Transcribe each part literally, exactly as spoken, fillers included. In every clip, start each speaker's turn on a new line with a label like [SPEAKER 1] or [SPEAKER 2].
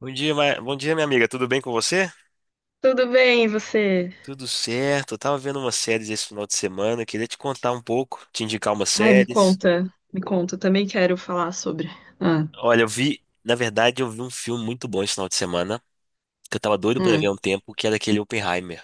[SPEAKER 1] Bom dia, ma- bom dia, minha amiga. Tudo bem com você?
[SPEAKER 2] Tudo bem, e você?
[SPEAKER 1] Tudo certo. Eu tava vendo umas séries esse final de semana. Queria te contar um pouco, te indicar umas
[SPEAKER 2] Ai, me
[SPEAKER 1] séries.
[SPEAKER 2] conta, me conta, eu também quero falar sobre. Ah,
[SPEAKER 1] Olha, eu vi, na verdade, eu vi um filme muito bom esse final de semana, que eu tava doido pra ver
[SPEAKER 2] hum.
[SPEAKER 1] há um tempo, que era aquele Oppenheimer.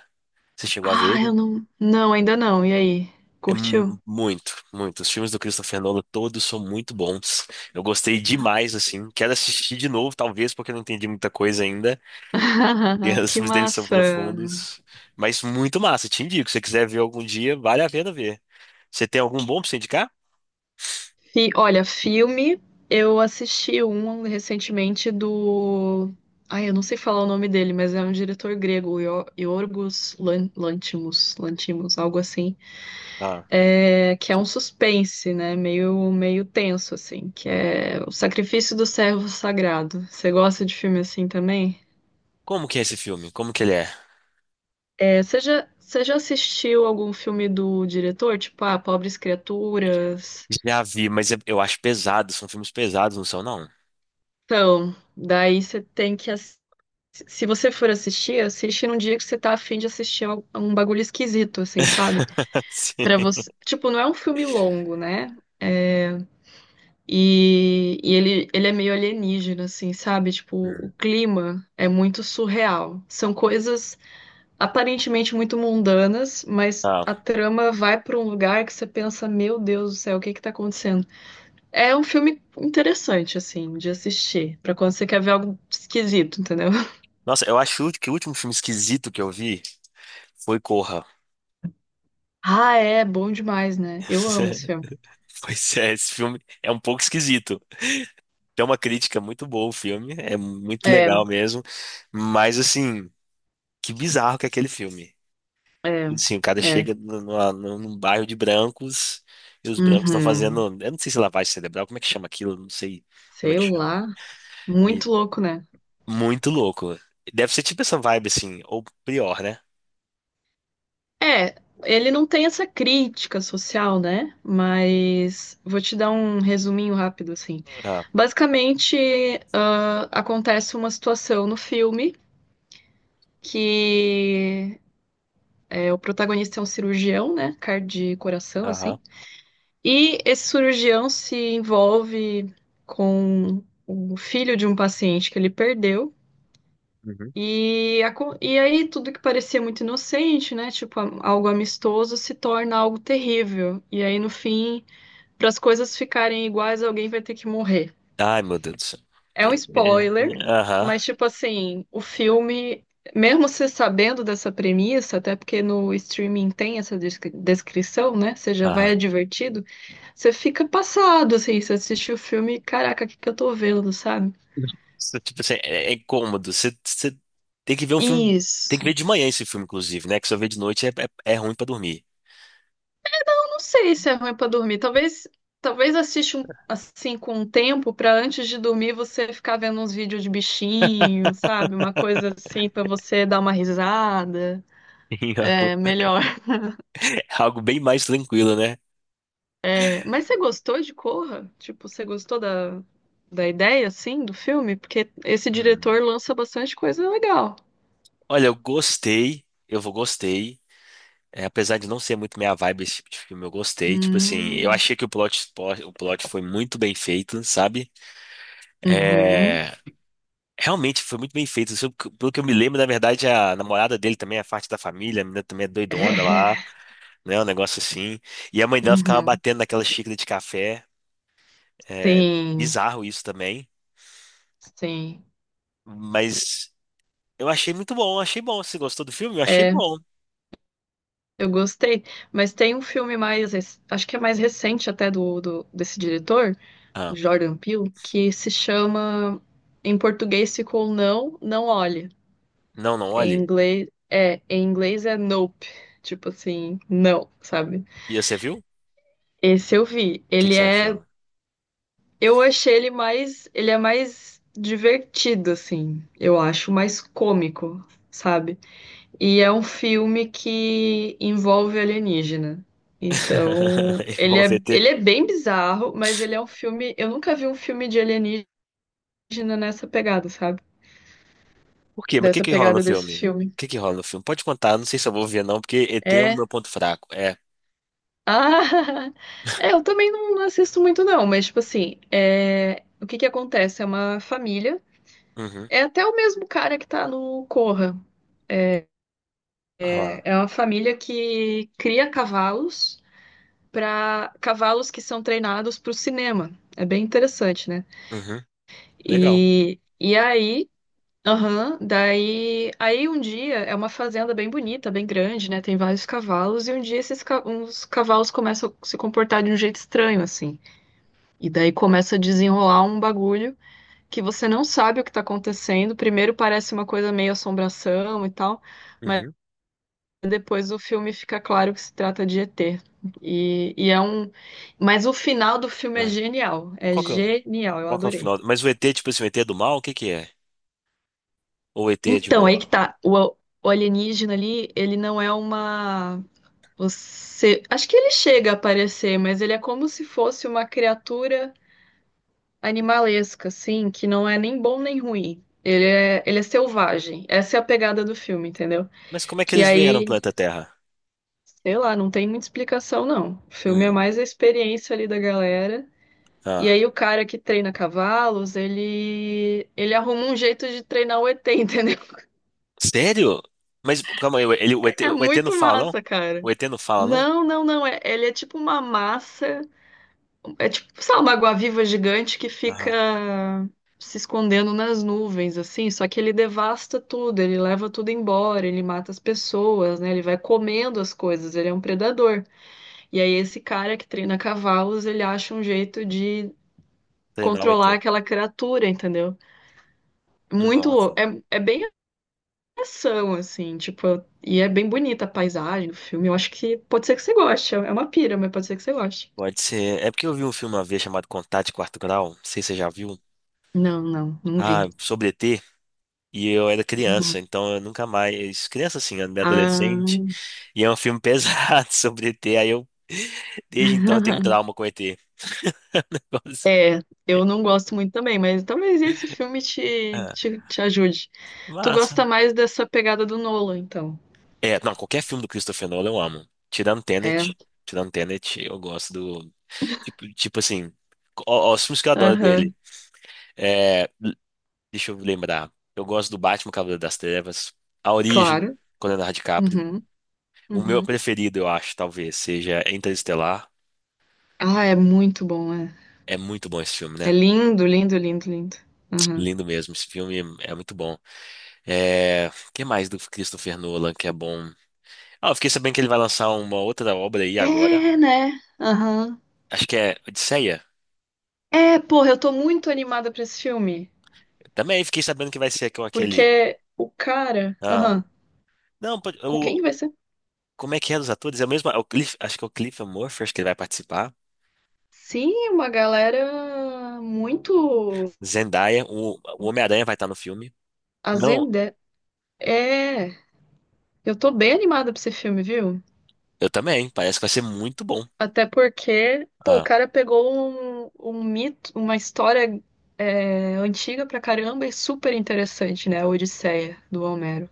[SPEAKER 1] Você chegou a ver
[SPEAKER 2] Ah, eu
[SPEAKER 1] ele?
[SPEAKER 2] não. Não, ainda não. E aí?
[SPEAKER 1] É
[SPEAKER 2] Curtiu?
[SPEAKER 1] mu- muito, muito. Os filmes do Christopher Nolan todos são muito bons. Eu gostei demais, assim. Quero assistir de novo, talvez, porque eu não entendi muita coisa ainda. E os
[SPEAKER 2] Que
[SPEAKER 1] filmes dele são
[SPEAKER 2] massa!
[SPEAKER 1] profundos. Mas muito massa, te indico. Se você quiser ver algum dia, vale a pena ver. Você tem algum bom pra você indicar?
[SPEAKER 2] Fi- Olha, filme, eu assisti um recentemente do. Ai, eu não sei falar o nome dele, mas é um diretor grego, Io- Yorgos Lan- Lanthimos, Lanthimos, algo assim.
[SPEAKER 1] Ah.
[SPEAKER 2] É, que é um suspense, né? Meio, meio tenso, assim, que é O Sacrifício do Servo Sagrado. Você gosta de filme assim também?
[SPEAKER 1] Como que é esse filme? Como que ele é?
[SPEAKER 2] É, você já, você já assistiu algum filme do diretor? Tipo, ah, Pobres Criaturas?
[SPEAKER 1] Já vi, mas eu eu acho pesado. São filmes pesados, não são, não?
[SPEAKER 2] Então, daí você tem que... ass- Se você for assistir, assiste num dia que você tá afim de assistir al- um bagulho esquisito, assim, sabe? Pra
[SPEAKER 1] Sim.
[SPEAKER 2] você... Tipo, não é um filme longo, né? E, e ele, ele é meio alienígena, assim, sabe? Tipo, o
[SPEAKER 1] Hum.
[SPEAKER 2] clima é muito surreal. São coisas aparentemente muito mundanas, mas
[SPEAKER 1] Ah.
[SPEAKER 2] a trama vai para um lugar que você pensa, meu Deus do céu, o que que tá acontecendo? É um filme interessante, assim, de assistir, para quando você quer ver algo esquisito, entendeu?
[SPEAKER 1] Nossa, eu acho que o último filme esquisito que eu vi foi Corra.
[SPEAKER 2] Ah, é, bom demais, né? Eu amo esse filme.
[SPEAKER 1] Pois é, esse filme é um pouco esquisito. Tem uma crítica muito boa o filme, é muito
[SPEAKER 2] É,
[SPEAKER 1] legal mesmo, mas assim, que bizarro que é aquele filme.
[SPEAKER 2] é,
[SPEAKER 1] Sim, o cara
[SPEAKER 2] é.
[SPEAKER 1] chega no- numa- num num bairro de brancos e os brancos estão fazendo.
[SPEAKER 2] Uhum.
[SPEAKER 1] Eu não sei se é lavagem cerebral, como é que chama aquilo? Eu não sei como é
[SPEAKER 2] Sei
[SPEAKER 1] que chama.
[SPEAKER 2] lá.
[SPEAKER 1] E
[SPEAKER 2] Muito louco, né?
[SPEAKER 1] muito louco. Deve ser tipo essa vibe assim, ou pior, né?
[SPEAKER 2] É, ele não tem essa crítica social, né? Mas vou te dar um resuminho rápido, assim.
[SPEAKER 1] Ah,
[SPEAKER 2] Basicamente, ah, acontece uma situação no filme que é, o protagonista é um cirurgião, né? Cardio e coração,
[SPEAKER 1] aham.
[SPEAKER 2] assim. E esse cirurgião se envolve com o filho de um paciente que ele perdeu.
[SPEAKER 1] Uhum.
[SPEAKER 2] E, acon- e aí tudo que parecia muito inocente, né? Tipo, a- algo amistoso se torna algo terrível. E aí, no fim, para as coisas ficarem iguais, alguém vai ter que morrer.
[SPEAKER 1] Ai, meu Deus do céu.
[SPEAKER 2] É
[SPEAKER 1] É,
[SPEAKER 2] um
[SPEAKER 1] é,
[SPEAKER 2] spoiler,
[SPEAKER 1] é, aham,
[SPEAKER 2] mas tipo assim, o filme, mesmo você sabendo dessa premissa, até porque no streaming tem essa descri- descrição, né? Você já vai
[SPEAKER 1] aham.
[SPEAKER 2] advertido, você fica passado, assim, você assiste o filme, caraca, o que que eu tô vendo, sabe?
[SPEAKER 1] Isso, tipo assim, é, é incômodo. Você você tem que ver um filme. Tem que ver
[SPEAKER 2] Isso.
[SPEAKER 1] de manhã esse filme, inclusive, né? Que só ver de noite é, é, é ruim pra dormir.
[SPEAKER 2] Não sei se é ruim pra dormir. Talvez, talvez assiste um, assim com um tempo pra antes de dormir você ficar vendo uns vídeos de bichinho, sabe? Uma coisa assim pra você dar uma risada.
[SPEAKER 1] É algo
[SPEAKER 2] É melhor.
[SPEAKER 1] é algo bem mais tranquilo, né?
[SPEAKER 2] É, mas você gostou de Corra? Tipo, você gostou da, da ideia assim do filme? Porque esse diretor lança bastante coisa legal.
[SPEAKER 1] Olha, eu gostei, eu vou gostei. É, apesar de não ser muito minha vibe esse tipo de filme, eu gostei. Tipo assim, eu
[SPEAKER 2] Hum,
[SPEAKER 1] achei que o plot, o plot foi muito bem feito, sabe?
[SPEAKER 2] uhum.
[SPEAKER 1] É, realmente foi muito bem feito. Se eu- Pelo que eu me lembro, na verdade, a namorada dele também é parte da família, a menina também é doidona
[SPEAKER 2] É.
[SPEAKER 1] lá, né? Um negócio assim. E a mãe dela ficava
[SPEAKER 2] Uhum.
[SPEAKER 1] batendo naquela xícara de café. É
[SPEAKER 2] Sim,
[SPEAKER 1] bizarro isso também.
[SPEAKER 2] sim.
[SPEAKER 1] Mas eu achei muito bom, achei bom. Você gostou do filme? Eu achei
[SPEAKER 2] É,
[SPEAKER 1] bom.
[SPEAKER 2] eu gostei, mas tem um filme mais, rec- acho que é mais recente até do, do- desse diretor, o
[SPEAKER 1] Ah,
[SPEAKER 2] Jordan Peele, que se chama, em português ficou Não, Não Olhe.
[SPEAKER 1] não, não,
[SPEAKER 2] Em
[SPEAKER 1] olhe.
[SPEAKER 2] inglês é, em inglês é Nope, tipo assim, não, sabe?
[SPEAKER 1] E você viu? O
[SPEAKER 2] Esse eu vi.
[SPEAKER 1] que que
[SPEAKER 2] Ele
[SPEAKER 1] você
[SPEAKER 2] é,
[SPEAKER 1] achou?
[SPEAKER 2] eu achei ele mais, ele é mais divertido assim, eu acho, mais cômico, sabe? E é um filme que envolve alienígena. Então,
[SPEAKER 1] E
[SPEAKER 2] ele
[SPEAKER 1] vão ver
[SPEAKER 2] é,
[SPEAKER 1] E T.
[SPEAKER 2] ele é bem bizarro, mas ele é um filme. Eu nunca vi um filme de alienígena nessa pegada, sabe?
[SPEAKER 1] Por quê? Mas o que
[SPEAKER 2] Dessa
[SPEAKER 1] que rola no
[SPEAKER 2] pegada desse
[SPEAKER 1] filme?
[SPEAKER 2] filme.
[SPEAKER 1] O que que rola no filme? Pode contar, não sei se eu vou ver não, porque E T é o
[SPEAKER 2] É.
[SPEAKER 1] meu ponto fraco. É.
[SPEAKER 2] Ah! É, eu também não assisto muito, não, mas, tipo assim, é... o que que acontece? É uma família.
[SPEAKER 1] Uhum.
[SPEAKER 2] É até o mesmo cara que tá no Corra. É, é
[SPEAKER 1] Ah.
[SPEAKER 2] é uma família que cria cavalos. Para cavalos que são treinados para o cinema. É bem interessante, né?
[SPEAKER 1] Uhum. Legal.
[SPEAKER 2] E, e aí, aham, daí, aí um dia é uma fazenda bem bonita, bem grande, né? Tem vários cavalos e um dia esses ca- uns cavalos começam a se comportar de um jeito estranho assim. E daí começa a desenrolar um bagulho que você não sabe o que está acontecendo. Primeiro parece uma coisa meio assombração e tal. Mas
[SPEAKER 1] Uhum.
[SPEAKER 2] depois o filme fica claro que se trata de Ê Tê. E, e é um. Mas o final do filme é
[SPEAKER 1] Ah.
[SPEAKER 2] genial. É
[SPEAKER 1] Qual que é, o-
[SPEAKER 2] genial, eu
[SPEAKER 1] qual que é o
[SPEAKER 2] adorei.
[SPEAKER 1] final? Mas o E T, tipo assim, o E T é do mal, o que que é? Ou o E T é de
[SPEAKER 2] Então, aí
[SPEAKER 1] boa?
[SPEAKER 2] que tá. O, o alienígena ali, ele não é uma. Você. Acho que ele chega a aparecer, mas ele é como se fosse uma criatura animalesca, assim, que não é nem bom nem ruim. Ele é, ele é selvagem. Essa é a pegada do filme, entendeu?
[SPEAKER 1] Mas como é que
[SPEAKER 2] Que
[SPEAKER 1] eles vieram pro
[SPEAKER 2] aí,
[SPEAKER 1] planeta Terra?
[SPEAKER 2] sei lá, não tem muita explicação, não. O filme é
[SPEAKER 1] Hum.
[SPEAKER 2] mais a experiência ali da galera. E
[SPEAKER 1] Ah.
[SPEAKER 2] aí o cara que treina cavalos, ele ele arruma um jeito de treinar o Ê Tê, entendeu?
[SPEAKER 1] Sério? Mas calma aí, ele, o E T,
[SPEAKER 2] É
[SPEAKER 1] o E T não
[SPEAKER 2] muito
[SPEAKER 1] fala, não?
[SPEAKER 2] massa, cara.
[SPEAKER 1] O E T não fala, não?
[SPEAKER 2] Não, não, não. É, ele é tipo uma massa. É tipo, sabe, uma água-viva gigante que fica
[SPEAKER 1] Aham.
[SPEAKER 2] se escondendo nas nuvens, assim. Só que ele devasta tudo, ele leva tudo embora, ele mata as pessoas, né? Ele vai comendo as coisas, ele é um predador. E aí esse cara que treina cavalos, ele acha um jeito de
[SPEAKER 1] Treinar o
[SPEAKER 2] controlar
[SPEAKER 1] E T.
[SPEAKER 2] aquela criatura, entendeu? Muito
[SPEAKER 1] Nossa.
[SPEAKER 2] louco. É, é bem ação, assim, tipo, eu- e é bem bonita a paisagem do filme. Eu acho que pode ser que você goste. É uma pira, mas pode ser que você goste.
[SPEAKER 1] Pode ser. É porque eu vi um filme uma vez chamado Contato de Quarto Grau. Não sei se você já viu.
[SPEAKER 2] Não, não, não vi.
[SPEAKER 1] Ah, sobre E T e eu era criança,
[SPEAKER 2] Uhum.
[SPEAKER 1] então eu nunca mais. Criança assim, eu adolescente,
[SPEAKER 2] Ah,
[SPEAKER 1] e é um filme pesado sobre E T. Aí eu. Desde então eu tenho trauma com E T. Negócio.
[SPEAKER 2] eu não gosto muito também, mas talvez esse filme te,
[SPEAKER 1] Ah,
[SPEAKER 2] te, te ajude. Tu
[SPEAKER 1] massa.
[SPEAKER 2] gosta mais dessa pegada do Nolan, então.
[SPEAKER 1] É, não, qualquer filme do Christopher Nolan eu amo. Tirando
[SPEAKER 2] É,
[SPEAKER 1] Tenet, tirando Tenet, eu gosto do. Tipo, tipo assim, ó, ó, os filmes que eu adoro dele.
[SPEAKER 2] aham,
[SPEAKER 1] É, deixa eu lembrar. Eu gosto do Batman Cavaleiro das Trevas, A Origem,
[SPEAKER 2] claro.
[SPEAKER 1] com Leonardo DiCaprio.
[SPEAKER 2] Uhum,
[SPEAKER 1] O meu
[SPEAKER 2] uhum.
[SPEAKER 1] preferido, eu acho, talvez, seja Interestelar.
[SPEAKER 2] Ah, é muito bom, é.
[SPEAKER 1] É muito bom esse filme, né?
[SPEAKER 2] É lindo, lindo, lindo, lindo. Aham.
[SPEAKER 1] Lindo mesmo. Esse filme é muito bom. É... O que mais do Christopher Nolan que é bom? Ah, eu fiquei sabendo que ele vai lançar uma outra obra aí agora.
[SPEAKER 2] É, né? Aham.
[SPEAKER 1] Acho que é Odisseia.
[SPEAKER 2] É, porra, eu tô muito animada pra esse filme.
[SPEAKER 1] Também fiquei sabendo que vai ser com aquele.
[SPEAKER 2] Porque o cara.
[SPEAKER 1] Ah,
[SPEAKER 2] Aham.
[SPEAKER 1] não, pode-
[SPEAKER 2] Com quem
[SPEAKER 1] o...
[SPEAKER 2] que vai ser?
[SPEAKER 1] como é que é dos atores? É o mesmo. é o Cliff... Acho que é o Cliff Murphy, acho que ele vai participar.
[SPEAKER 2] Sim, uma galera muito
[SPEAKER 1] Zendaya, o, o Homem-Aranha vai estar no filme. Não,
[SPEAKER 2] azende. É. Eu tô bem animada pra esse filme, viu?
[SPEAKER 1] eu também. Parece que vai ser muito bom.
[SPEAKER 2] Até porque, pô, o
[SPEAKER 1] Ah,
[SPEAKER 2] cara pegou um, um mito, uma história é, antiga pra caramba e super interessante, né? A Odisseia do Homero.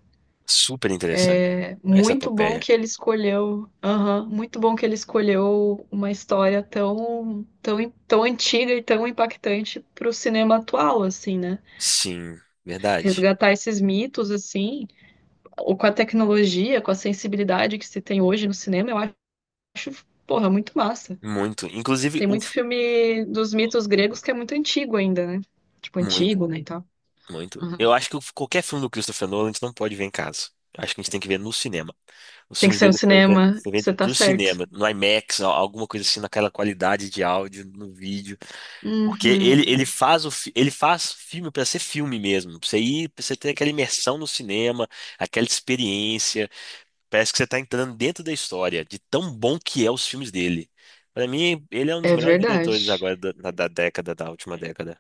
[SPEAKER 1] super interessante essa
[SPEAKER 2] Muito bom
[SPEAKER 1] epopeia.
[SPEAKER 2] que ele escolheu, aham, muito bom que ele escolheu uma história tão, tão, tão antiga e tão impactante para o cinema atual, assim, né?
[SPEAKER 1] Sim, verdade.
[SPEAKER 2] Resgatar esses mitos, assim, ou com a tecnologia, com a sensibilidade que se tem hoje no cinema, eu acho, porra, muito massa.
[SPEAKER 1] Muito. Inclusive,
[SPEAKER 2] Tem
[SPEAKER 1] o,
[SPEAKER 2] muito filme dos mitos gregos que é muito antigo ainda, né? Tipo, antigo,
[SPEAKER 1] muito,
[SPEAKER 2] né, e tal.
[SPEAKER 1] muito.
[SPEAKER 2] Aham.
[SPEAKER 1] Eu acho que qualquer filme do Christopher Nolan a gente não pode ver em casa. Eu acho que a gente tem que ver no cinema. Os
[SPEAKER 2] Tem que
[SPEAKER 1] filmes
[SPEAKER 2] ser no
[SPEAKER 1] dele foi vendo,
[SPEAKER 2] cinema,
[SPEAKER 1] foi vendo
[SPEAKER 2] você tá
[SPEAKER 1] pro
[SPEAKER 2] certo.
[SPEAKER 1] cinema, no IMAX, al- alguma coisa assim, naquela qualidade de áudio, no vídeo. Porque ele, ele
[SPEAKER 2] Uhum.
[SPEAKER 1] faz o, fi- ele faz filme pra ser filme mesmo. Pra você ir, pra você ter aquela imersão no cinema, aquela experiência. Parece que você tá entrando dentro da história, de tão bom que é os filmes dele. Pra mim, ele é um dos
[SPEAKER 2] É
[SPEAKER 1] melhores diretores
[SPEAKER 2] verdade.
[SPEAKER 1] agora da, da da década, da última década.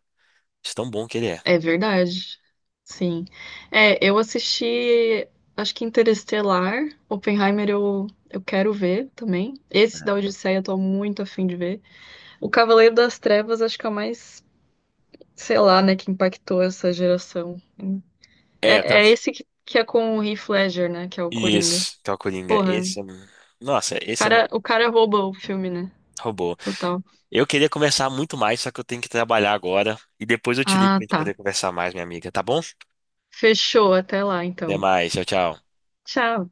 [SPEAKER 1] De tão bom que ele é.
[SPEAKER 2] É verdade. Sim. É, eu assisti, acho que Interestelar, Oppenheimer eu, eu quero ver também. Esse da Odisseia eu tô muito afim de ver. O Cavaleiro das Trevas acho que é o mais, sei lá, né, que impactou essa geração.
[SPEAKER 1] É,
[SPEAKER 2] É, é esse que, que é com o Heath Ledger, né, que é o Coringa.
[SPEAKER 1] isso, que é o Coringa.
[SPEAKER 2] Porra, o
[SPEAKER 1] Esse é. Nossa, esse é mais
[SPEAKER 2] cara, o cara rouba o filme, né?
[SPEAKER 1] robô.
[SPEAKER 2] Total.
[SPEAKER 1] Eu queria conversar muito mais, só que eu tenho que trabalhar agora. E depois eu te ligo
[SPEAKER 2] Ah,
[SPEAKER 1] pra gente
[SPEAKER 2] tá.
[SPEAKER 1] poder conversar mais, minha amiga, tá bom?
[SPEAKER 2] Fechou, até lá
[SPEAKER 1] Até
[SPEAKER 2] então.
[SPEAKER 1] mais, tchau, tchau.
[SPEAKER 2] Tchau.